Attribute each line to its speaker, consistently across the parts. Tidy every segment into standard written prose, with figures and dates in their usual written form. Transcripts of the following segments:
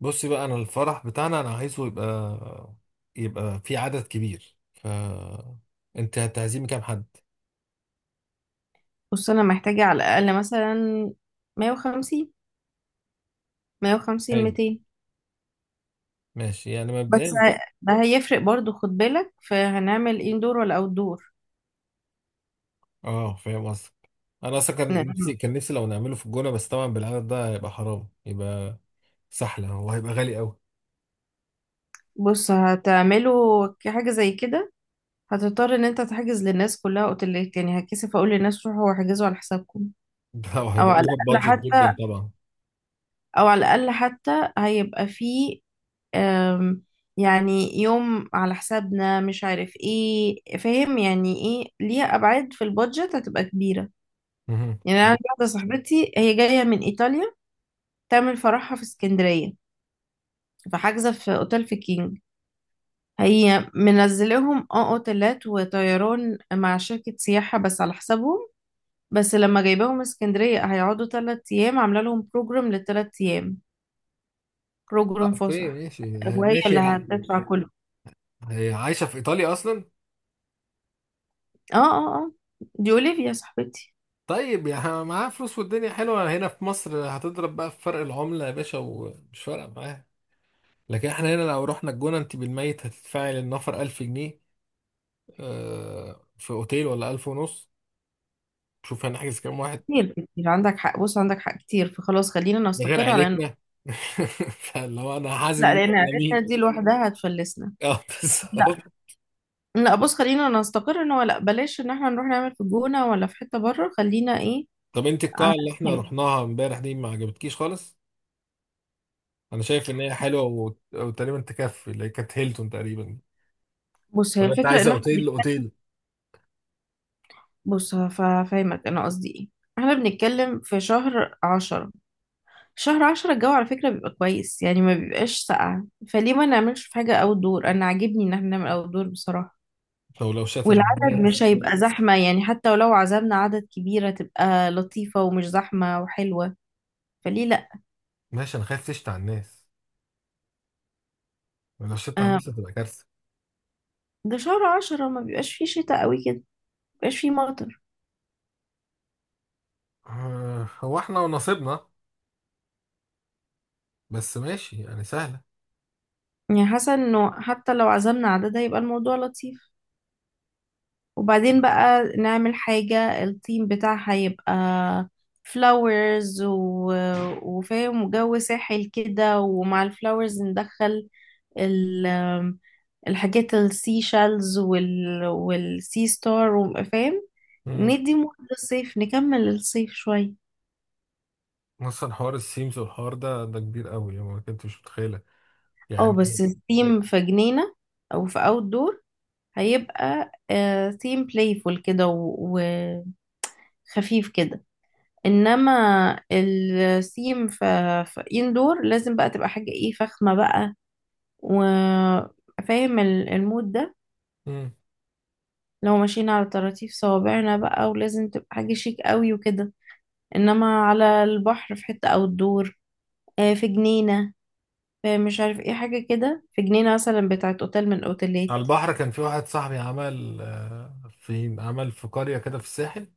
Speaker 1: بصي بقى، انا الفرح بتاعنا انا عايزه يبقى في عدد كبير. انت هتعزمي كام حد؟
Speaker 2: بص، انا محتاجة على الاقل مثلا 150، 150
Speaker 1: حلو،
Speaker 2: 200.
Speaker 1: ماشي يعني
Speaker 2: بس
Speaker 1: مبدئيا.
Speaker 2: ده هيفرق برضو، خد بالك. فهنعمل اندور ولا اوت دور؟
Speaker 1: اه، فاهم قصدك. انا اصلا كان نفسي لو نعمله في الجونه، بس طبعا بالعدد ده هيبقى حرام، يبقى سحله وهيبقى غالي قوي.
Speaker 2: بص، هتعمله حاجة زي كده. هتضطر ان انت تحجز للناس كلها اوتيلات، يعني هتكسف اقول للناس روحوا واحجزوا على حسابكم.
Speaker 1: ده
Speaker 2: او
Speaker 1: وهيبقى
Speaker 2: على
Speaker 1: اوفر
Speaker 2: الاقل
Speaker 1: بادجت
Speaker 2: حتى
Speaker 1: جدا طبعا.
Speaker 2: او على الاقل حتى هيبقى فيه، أم، يعني يوم على حسابنا، مش عارف ايه، فاهم؟ يعني ايه؟ ليها ابعاد في البادجت هتبقى كبيرة.
Speaker 1: مهم.
Speaker 2: يعني انا عندي واحده صاحبتي، هي جايه من ايطاليا، تعمل فرحها في اسكندريه، فحاجزه في اوتيل في كينج. هي منزلهم اه اوتيلات وطيران مع شركه سياحه بس على حسابهم. بس لما جايباهم اسكندريه هيقعدوا 3 ايام، عامله لهم بروجرام للثلاث ايام،
Speaker 1: اه
Speaker 2: بروجرام
Speaker 1: اوكي،
Speaker 2: فسح.
Speaker 1: ماشي.
Speaker 2: وهي
Speaker 1: ماشي
Speaker 2: اللي
Speaker 1: يعني.
Speaker 2: هتدفع كله.
Speaker 1: هي عايشه في ايطاليا اصلا؟
Speaker 2: اه، اه، اه، دي اولivia صاحبتي.
Speaker 1: طيب، يعني معاها فلوس والدنيا حلوه، هنا في مصر هتضرب بقى في فرق العمله يا باشا ومش فارقه معاها. لكن احنا هنا لو رحنا الجونة انت بالميت هتدفعي للنفر 1000 جنيه، في اوتيل، ولا 1000 ونص. شوف هنحجز كام واحد،
Speaker 2: كتير كتير عندك حق. بص، عندك حق كتير. فخلاص، خلينا
Speaker 1: ده غير
Speaker 2: نستقر على انه
Speaker 1: عيلتنا. فاللي هو انا هعزم
Speaker 2: لا،
Speaker 1: مين
Speaker 2: لان
Speaker 1: ولا
Speaker 2: عيلتنا
Speaker 1: مين؟
Speaker 2: دي لوحدها هتفلسنا.
Speaker 1: اه، بالظبط.
Speaker 2: لا، بص، خلينا نستقر ان هو لا، بلاش ان احنا نروح نعمل في الجونة ولا في حتة بره، خلينا ايه.
Speaker 1: طب انت
Speaker 2: ع-
Speaker 1: القاعة اللي احنا رحناها امبارح دي ما عجبتكيش خالص؟ انا شايف ان هي حلوة وتقريبا تكفي، اللي هي كانت هيلتون تقريبا.
Speaker 2: بص، هي
Speaker 1: ولا انت
Speaker 2: الفكرة
Speaker 1: عايزه
Speaker 2: ان احنا
Speaker 1: اوتيل اوتيل؟
Speaker 2: بص هفهمك انا قصدي ايه. احنا بنتكلم في شهر 10. شهر عشرة الجو على فكرة بيبقى كويس، يعني ما بيبقاش ساقع. فليه ما نعملش في حاجة اوت دور؟ انا عاجبني ان احنا نعمل اوت دور بصراحة.
Speaker 1: لو لو شتت على
Speaker 2: والعدد مش
Speaker 1: الناس.
Speaker 2: هيبقى زحمة يعني، حتى ولو عزمنا عدد كبيرة تبقى لطيفة ومش زحمة وحلوة. فليه لا؟
Speaker 1: ماشي، انا خايف تشتي على الناس، لو شتت على
Speaker 2: آه،
Speaker 1: الناس هتبقى كارثة.
Speaker 2: ده شهر عشرة ما بيبقاش فيه شتاء قوي كده، ما بيبقاش فيه مطر.
Speaker 1: هو احنا ونصيبنا. بس ماشي يعني، سهلة.
Speaker 2: يعني حاسة انه حتى لو عزمنا عدد هيبقى الموضوع لطيف. وبعدين بقى نعمل حاجة، الثيم بتاعها يبقى فلاورز وفاهم، وجو ساحل كده، ومع الفلاورز ندخل ال... الحاجات السي شالز والسي ستار فاهم.
Speaker 1: مم.
Speaker 2: ندي مود للصيف، نكمل الصيف شوية.
Speaker 1: اصلا حوار السيمز والحوار ده كبير قوي، يعني ما كنتش متخيله
Speaker 2: اه بس
Speaker 1: يعني.
Speaker 2: الثيم في جنينة او في اوت دور هيبقى ثيم بلايفول كده، خفيف كده. انما السيم في اندور لازم بقى تبقى حاجة ايه فخمة بقى، وفاهم المود ده.
Speaker 1: مم.
Speaker 2: لو ماشيين على طراطيف صوابعنا بقى، ولازم تبقى حاجة شيك قوي وكده. انما على البحر في حتة او الدور، آه، في جنينة، في مش عارف ايه حاجة كده في جنينة مثلا بتاعت اوتيل من الاوتيلات.
Speaker 1: على البحر كان في واحد صاحبي عمل، في عمل في قريه كده في الساحل.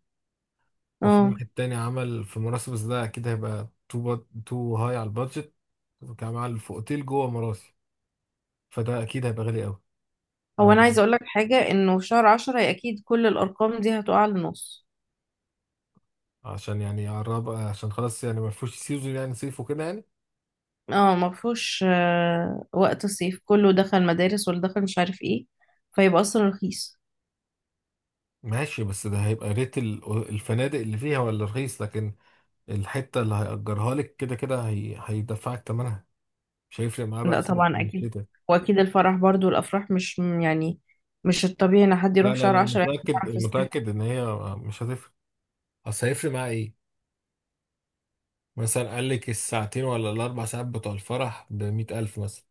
Speaker 1: وفي
Speaker 2: اه،
Speaker 1: واحد تاني عمل في مراسي، بس ده اكيد هيبقى تو هاي على البادجت. كان عمل في اوتيل جوه مراسي، فده اكيد هيبقى غالي قوي.
Speaker 2: هو
Speaker 1: آه،
Speaker 2: انا عايزة اقولك حاجة، انه في شهر عشرة هي اكيد كل الارقام دي هتقع لنص.
Speaker 1: عشان يعني يقرب، عشان خلاص يعني ما فيهوش سيزون، يعني صيف وكده يعني.
Speaker 2: اه، ما فيهوش وقت الصيف كله دخل مدارس واللي دخل مش عارف ايه، فيبقى اصلا رخيص.
Speaker 1: ماشي، بس ده هيبقى ريت الفنادق اللي فيها ولا رخيص، لكن الحتة اللي هيأجرها لك كده كده هيدفعك تمنها. مش هيفرق معاه بقى
Speaker 2: لا
Speaker 1: صيف
Speaker 2: طبعا
Speaker 1: ولا
Speaker 2: اكيد.
Speaker 1: شتاء.
Speaker 2: واكيد الفرح برضو، الافراح مش يعني، مش الطبيعي ان حد
Speaker 1: لا
Speaker 2: يروح
Speaker 1: لا
Speaker 2: شهر
Speaker 1: لا،
Speaker 2: 10 يعمل
Speaker 1: متأكد
Speaker 2: فرح في الصيف.
Speaker 1: متأكد إن هي مش هتفرق. أصل هيفرق معاه إيه؟ مثلا قال لك الساعتين ولا الأربع ساعات بتوع الفرح بمية ألف مثلا،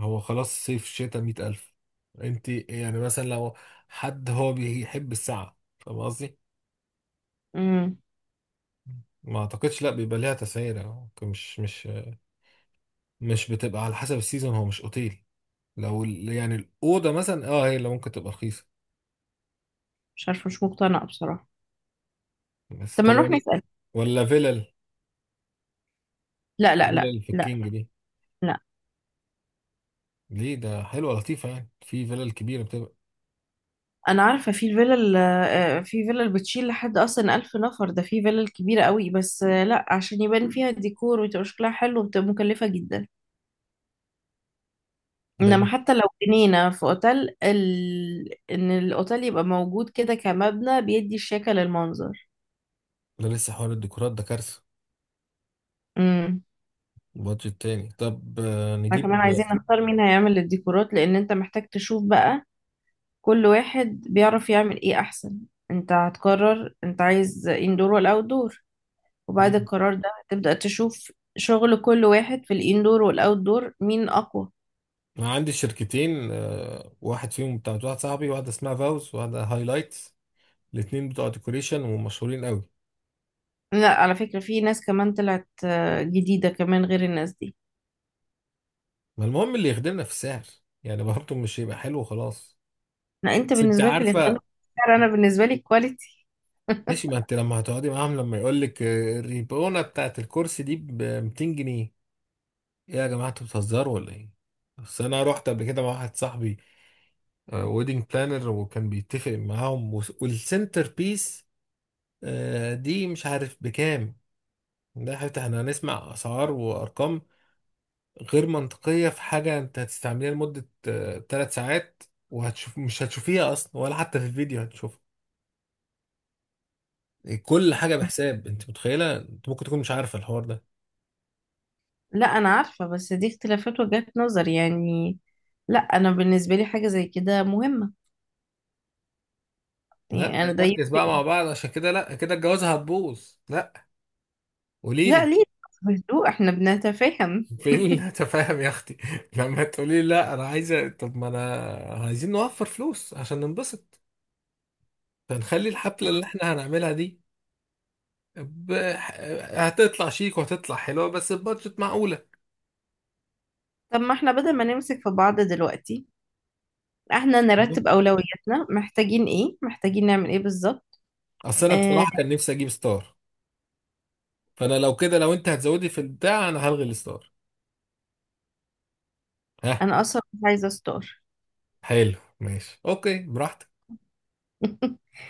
Speaker 1: هو خلاص صيف شتاء مية ألف. أنت يعني مثلا لو حد هو بيحب الساعة، فاهم قصدي؟
Speaker 2: امم
Speaker 1: ما أعتقدش، لا بيبقى ليها تسعيرة ممكن، مش بتبقى على حسب السيزون، هو مش أوتيل. لو يعني الأوضة مثلا هي اللي ممكن تبقى رخيصة.
Speaker 2: مش عارفه، مش مقتنعه بصراحه.
Speaker 1: بس
Speaker 2: طب ما
Speaker 1: طب
Speaker 2: نروح
Speaker 1: ولا
Speaker 2: نسال.
Speaker 1: ولا فيلل
Speaker 2: لا، لا، لا،
Speaker 1: فيلل في
Speaker 2: لا.
Speaker 1: الكينج دي؟
Speaker 2: لا،
Speaker 1: ليه، ده حلوة لطيفة يعني، في فيلل كبيرة بتبقى.
Speaker 2: انا عارفه في الفيلا في فيلا اللي بتشيل لحد اصلا 1000 نفر، ده في فيلا كبيره قوي، بس لا، عشان يبان فيها الديكور وتبقى شكلها حلو وبتبقى مكلفه جدا.
Speaker 1: ده
Speaker 2: انما
Speaker 1: ل-
Speaker 2: حتى لو جنينة في اوتيل ان الاوتيل يبقى موجود كده كمبنى بيدي الشكل للمنظر.
Speaker 1: ده لسه حوار الديكورات ده كارثة.
Speaker 2: امم.
Speaker 1: بادجت تاني، طب
Speaker 2: احنا كمان
Speaker 1: نجيب.
Speaker 2: عايزين نختار مين هيعمل الديكورات، لان انت محتاج تشوف بقى كل واحد بيعرف يعمل ايه احسن. انت هتقرر انت عايز اندور ولا اوت دور، وبعد
Speaker 1: مم.
Speaker 2: القرار ده تبدأ تشوف شغل كل واحد في الاندور والاوت دور مين اقوى.
Speaker 1: أنا عندي شركتين، واحد فيهم بتاع واحد صاحبي، واحدة اسمها فاوز وواحدة هايلايتس. الاتنين بتوع ديكوريشن ومشهورين قوي.
Speaker 2: لا، على فكرة في ناس كمان طلعت جديدة كمان غير الناس دي.
Speaker 1: ما المهم اللي يخدمنا في السعر، يعني برضه مش هيبقى حلو خلاص.
Speaker 2: لا، انت
Speaker 1: بس انت
Speaker 2: بالنسبة لك اللي اختار،
Speaker 1: عارفة،
Speaker 2: انا بالنسبة لي كواليتي.
Speaker 1: ماشي. ما انت لما هتقعدي معاهم لما يقول لك الريبونة بتاعت الكرسي دي ب 200 جنيه، ايه يا جماعة انتوا بتهزروا ولا ايه؟ بس انا رحت قبل كده مع واحد صاحبي ويدنج بلانر، وكان بيتفق معاهم والسنتر بيس، دي مش عارف بكام. ده حتى احنا هنسمع اسعار وارقام غير منطقية في حاجة انت هتستعمليها لمدة ثلاث ساعات، وهتشوف، مش هتشوفيها اصلا ولا حتى في الفيديو هتشوفها. إيه، كل حاجة بحساب، انت متخيلة انت ممكن تكون مش عارفة الحوار ده.
Speaker 2: لا، انا عارفة، بس دي اختلافات وجهات نظر يعني. لا، انا بالنسبة لي حاجة زي كده مهمة،
Speaker 1: لا،
Speaker 2: يعني انا ده
Speaker 1: ركز
Speaker 2: يفرق.
Speaker 1: بقى مع بعض، عشان كده لا، كده الجوازة هتبوظ، لا.
Speaker 2: لا،
Speaker 1: قوليلي
Speaker 2: ليه؟ بهدوء احنا بنتفاهم.
Speaker 1: فين التفاهم يا اختي، لما تقولي لا انا عايزه؟ طب ما انا عايزين نوفر فلوس عشان ننبسط، فنخلي الحفله اللي احنا هنعملها دي ب... هتطلع شيك وهتطلع حلوه بس بادجت معقوله.
Speaker 2: طب، ما احنا بدل ما نمسك في بعض دلوقتي، احنا نرتب اولوياتنا، محتاجين ايه، محتاجين نعمل ايه بالظبط.
Speaker 1: اصل انا
Speaker 2: آه،
Speaker 1: بصراحه كان نفسي اجيب ستار، فانا لو كده، لو انت هتزودي في البتاع انا هلغي الستار. ها.
Speaker 2: انا اصلا مش عايزة ستار.
Speaker 1: حلو، ماشي، اوكي براحتك.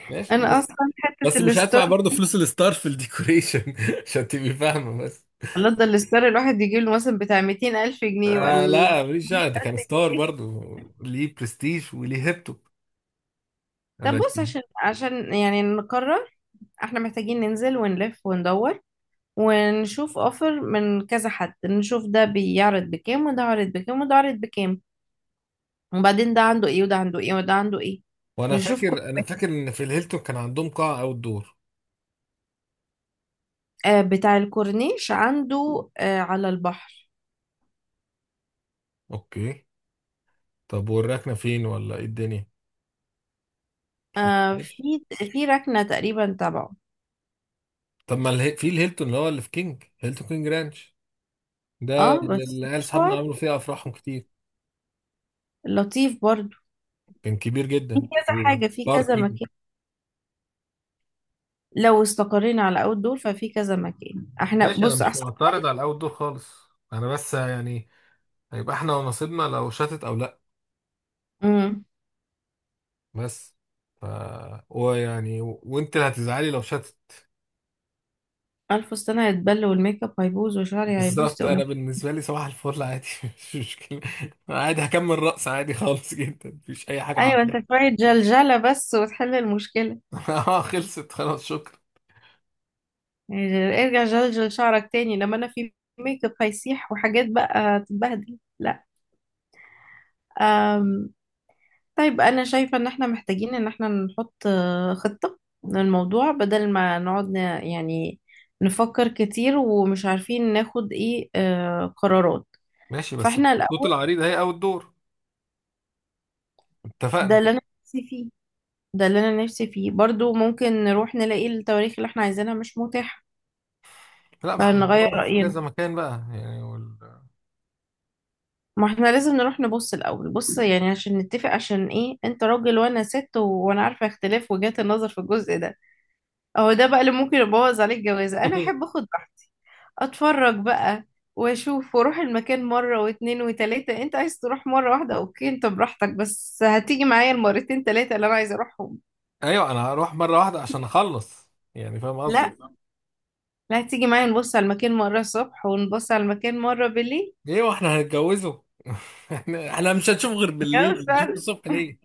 Speaker 1: ماشي،
Speaker 2: انا
Speaker 1: بس
Speaker 2: اصلا حتة
Speaker 1: بس مش
Speaker 2: الستار.
Speaker 1: هدفع برضه فلوس الستار في الديكوريشن، عشان تبقي فاهمه بس.
Speaker 2: الله، ده الستار الواحد يجيب له مثلا بتاع 200 الف جنيه ولا
Speaker 1: لا، ماليش دعوه ده
Speaker 2: 100000
Speaker 1: كان ستار
Speaker 2: جنيه
Speaker 1: برضو، ليه برستيج وليه هيبته،
Speaker 2: طب، بص،
Speaker 1: لكن
Speaker 2: عشان يعني نقرر، احنا محتاجين ننزل ونلف وندور ونشوف اوفر من كذا حد، نشوف ده بيعرض بكام وده عرض بكام وده عرض بكام، وبعدين ده عنده ايه وده عنده ايه وده عنده ايه.
Speaker 1: وانا
Speaker 2: نشوف كل
Speaker 1: فاكر انا
Speaker 2: واحد.
Speaker 1: فاكر ان في الهيلتون كان عندهم قاعه اوت دور.
Speaker 2: آه، بتاع الكورنيش عنده على البحر.
Speaker 1: اوكي. طب والركنه فين، ولا ايه الدنيا؟
Speaker 2: آه،
Speaker 1: شفتهاش.
Speaker 2: في ركنة تقريبا تبعه.
Speaker 1: طب ما في الهيلتون اللي هو اللي في كينج، هيلتون كينج رانش، ده
Speaker 2: اه
Speaker 1: اللي
Speaker 2: بس
Speaker 1: اللي قال اصحابنا
Speaker 2: مشوار
Speaker 1: عملوا فيها افراحهم كتير.
Speaker 2: لطيف برضو.
Speaker 1: كان كبير
Speaker 2: في
Speaker 1: جدا.
Speaker 2: كذا حاجة في كذا
Speaker 1: باركينج.
Speaker 2: مكان. لو استقرينا على اول دول ففي كذا مكان احنا،
Speaker 1: ماشي، انا
Speaker 2: بص
Speaker 1: مش
Speaker 2: احسن.
Speaker 1: معترض على الاوت دور خالص، انا بس يعني هيبقى احنا ونصيبنا لو شتت او لا.
Speaker 2: امم.
Speaker 1: بس ف وانت اللي هتزعلي لو شتت.
Speaker 2: الف فستان هيتبل والميك اب هيبوظ وشعري هيبوظ.
Speaker 1: بالظبط، انا بالنسبه لي صباح الفل عادي. مش مشكله، أنا عادي هكمل رقص عادي خالص جدا، مفيش اي حاجه
Speaker 2: ايوه، انت
Speaker 1: عادي.
Speaker 2: شوية جلجلة بس وتحل المشكلة.
Speaker 1: اه، خلصت خلاص، شكرا.
Speaker 2: يعني ارجع جلجل شعرك تاني لما انا في ميك اب هيسيح وحاجات بقى تتبهدل؟ لا. أم. طيب، انا شايفة ان احنا محتاجين ان احنا نحط خطة للموضوع، بدل ما نقعد يعني نفكر كتير ومش عارفين ناخد ايه قرارات.
Speaker 1: ماشي بس
Speaker 2: فاحنا
Speaker 1: الخطوط
Speaker 2: الاول.
Speaker 1: العريضه هي اول دور.
Speaker 2: ده
Speaker 1: اتفقنا.
Speaker 2: اللي انا نفسي فيه. ده اللي انا نفسي فيه برضو، ممكن نروح نلاقي التواريخ اللي احنا عايزينها مش متاحة
Speaker 1: لا، ما احنا
Speaker 2: فنغير
Speaker 1: بندور في
Speaker 2: رأينا.
Speaker 1: كذا مكان بقى، يعني
Speaker 2: ما احنا لازم نروح نبص الاول، بص يعني عشان نتفق، عشان ايه؟ انت راجل وانا ست وانا عارفه اختلاف وجهات النظر في الجزء ده. اهو ده بقى اللي ممكن يبوظ عليك جوازه. انا احب اخد راحتي، اتفرج بقى واشوف واروح المكان مره واتنين وتلاته. انت عايز تروح مره واحده، اوكي انت براحتك، بس هتيجي معايا المرتين تلاته اللي انا عايزه اروحهم.
Speaker 1: ايوه انا هروح مره واحده عشان اخلص، يعني فاهم قصدي؟
Speaker 2: لا، لا، هتيجي معايا نبص على المكان مره الصبح ونبص على المكان مره بالليل.
Speaker 1: ايه واحنا هنتجوزه؟ احنا مش هنشوف غير
Speaker 2: جوز
Speaker 1: بالليل، نشوف
Speaker 2: فعلا.
Speaker 1: الصبح ليه؟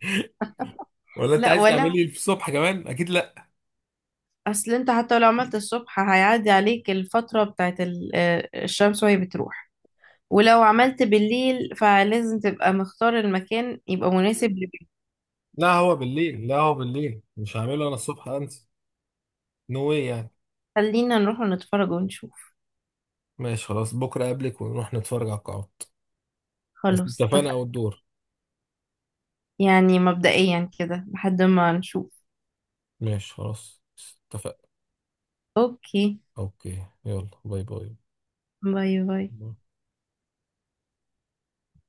Speaker 1: ولا انت
Speaker 2: لا
Speaker 1: عايز
Speaker 2: ولا.
Speaker 1: تعملي في الصبح كمان؟ اكيد لا.
Speaker 2: اصل انت حتى لو عملت الصبح هيعدي عليك الفترة بتاعت الشمس وهي بتروح. ولو عملت بالليل فلازم تبقى مختار المكان يبقى مناسب لبيتك.
Speaker 1: لا هو بالليل، لا هو بالليل مش هعمله، انا الصبح انسى، نو واي يعني.
Speaker 2: خلينا نروح نتفرج ونشوف.
Speaker 1: ماشي خلاص، بكره قبلك ونروح نتفرج على القاعات. بس
Speaker 2: خلاص
Speaker 1: اتفقنا او
Speaker 2: اتفقنا.
Speaker 1: الدور.
Speaker 2: يعني مبدئيا كده لحد ما نشوف.
Speaker 1: ماشي خلاص، اتفقنا.
Speaker 2: اوكي،
Speaker 1: اوكي. يلا، باي.
Speaker 2: باي باي.
Speaker 1: باي.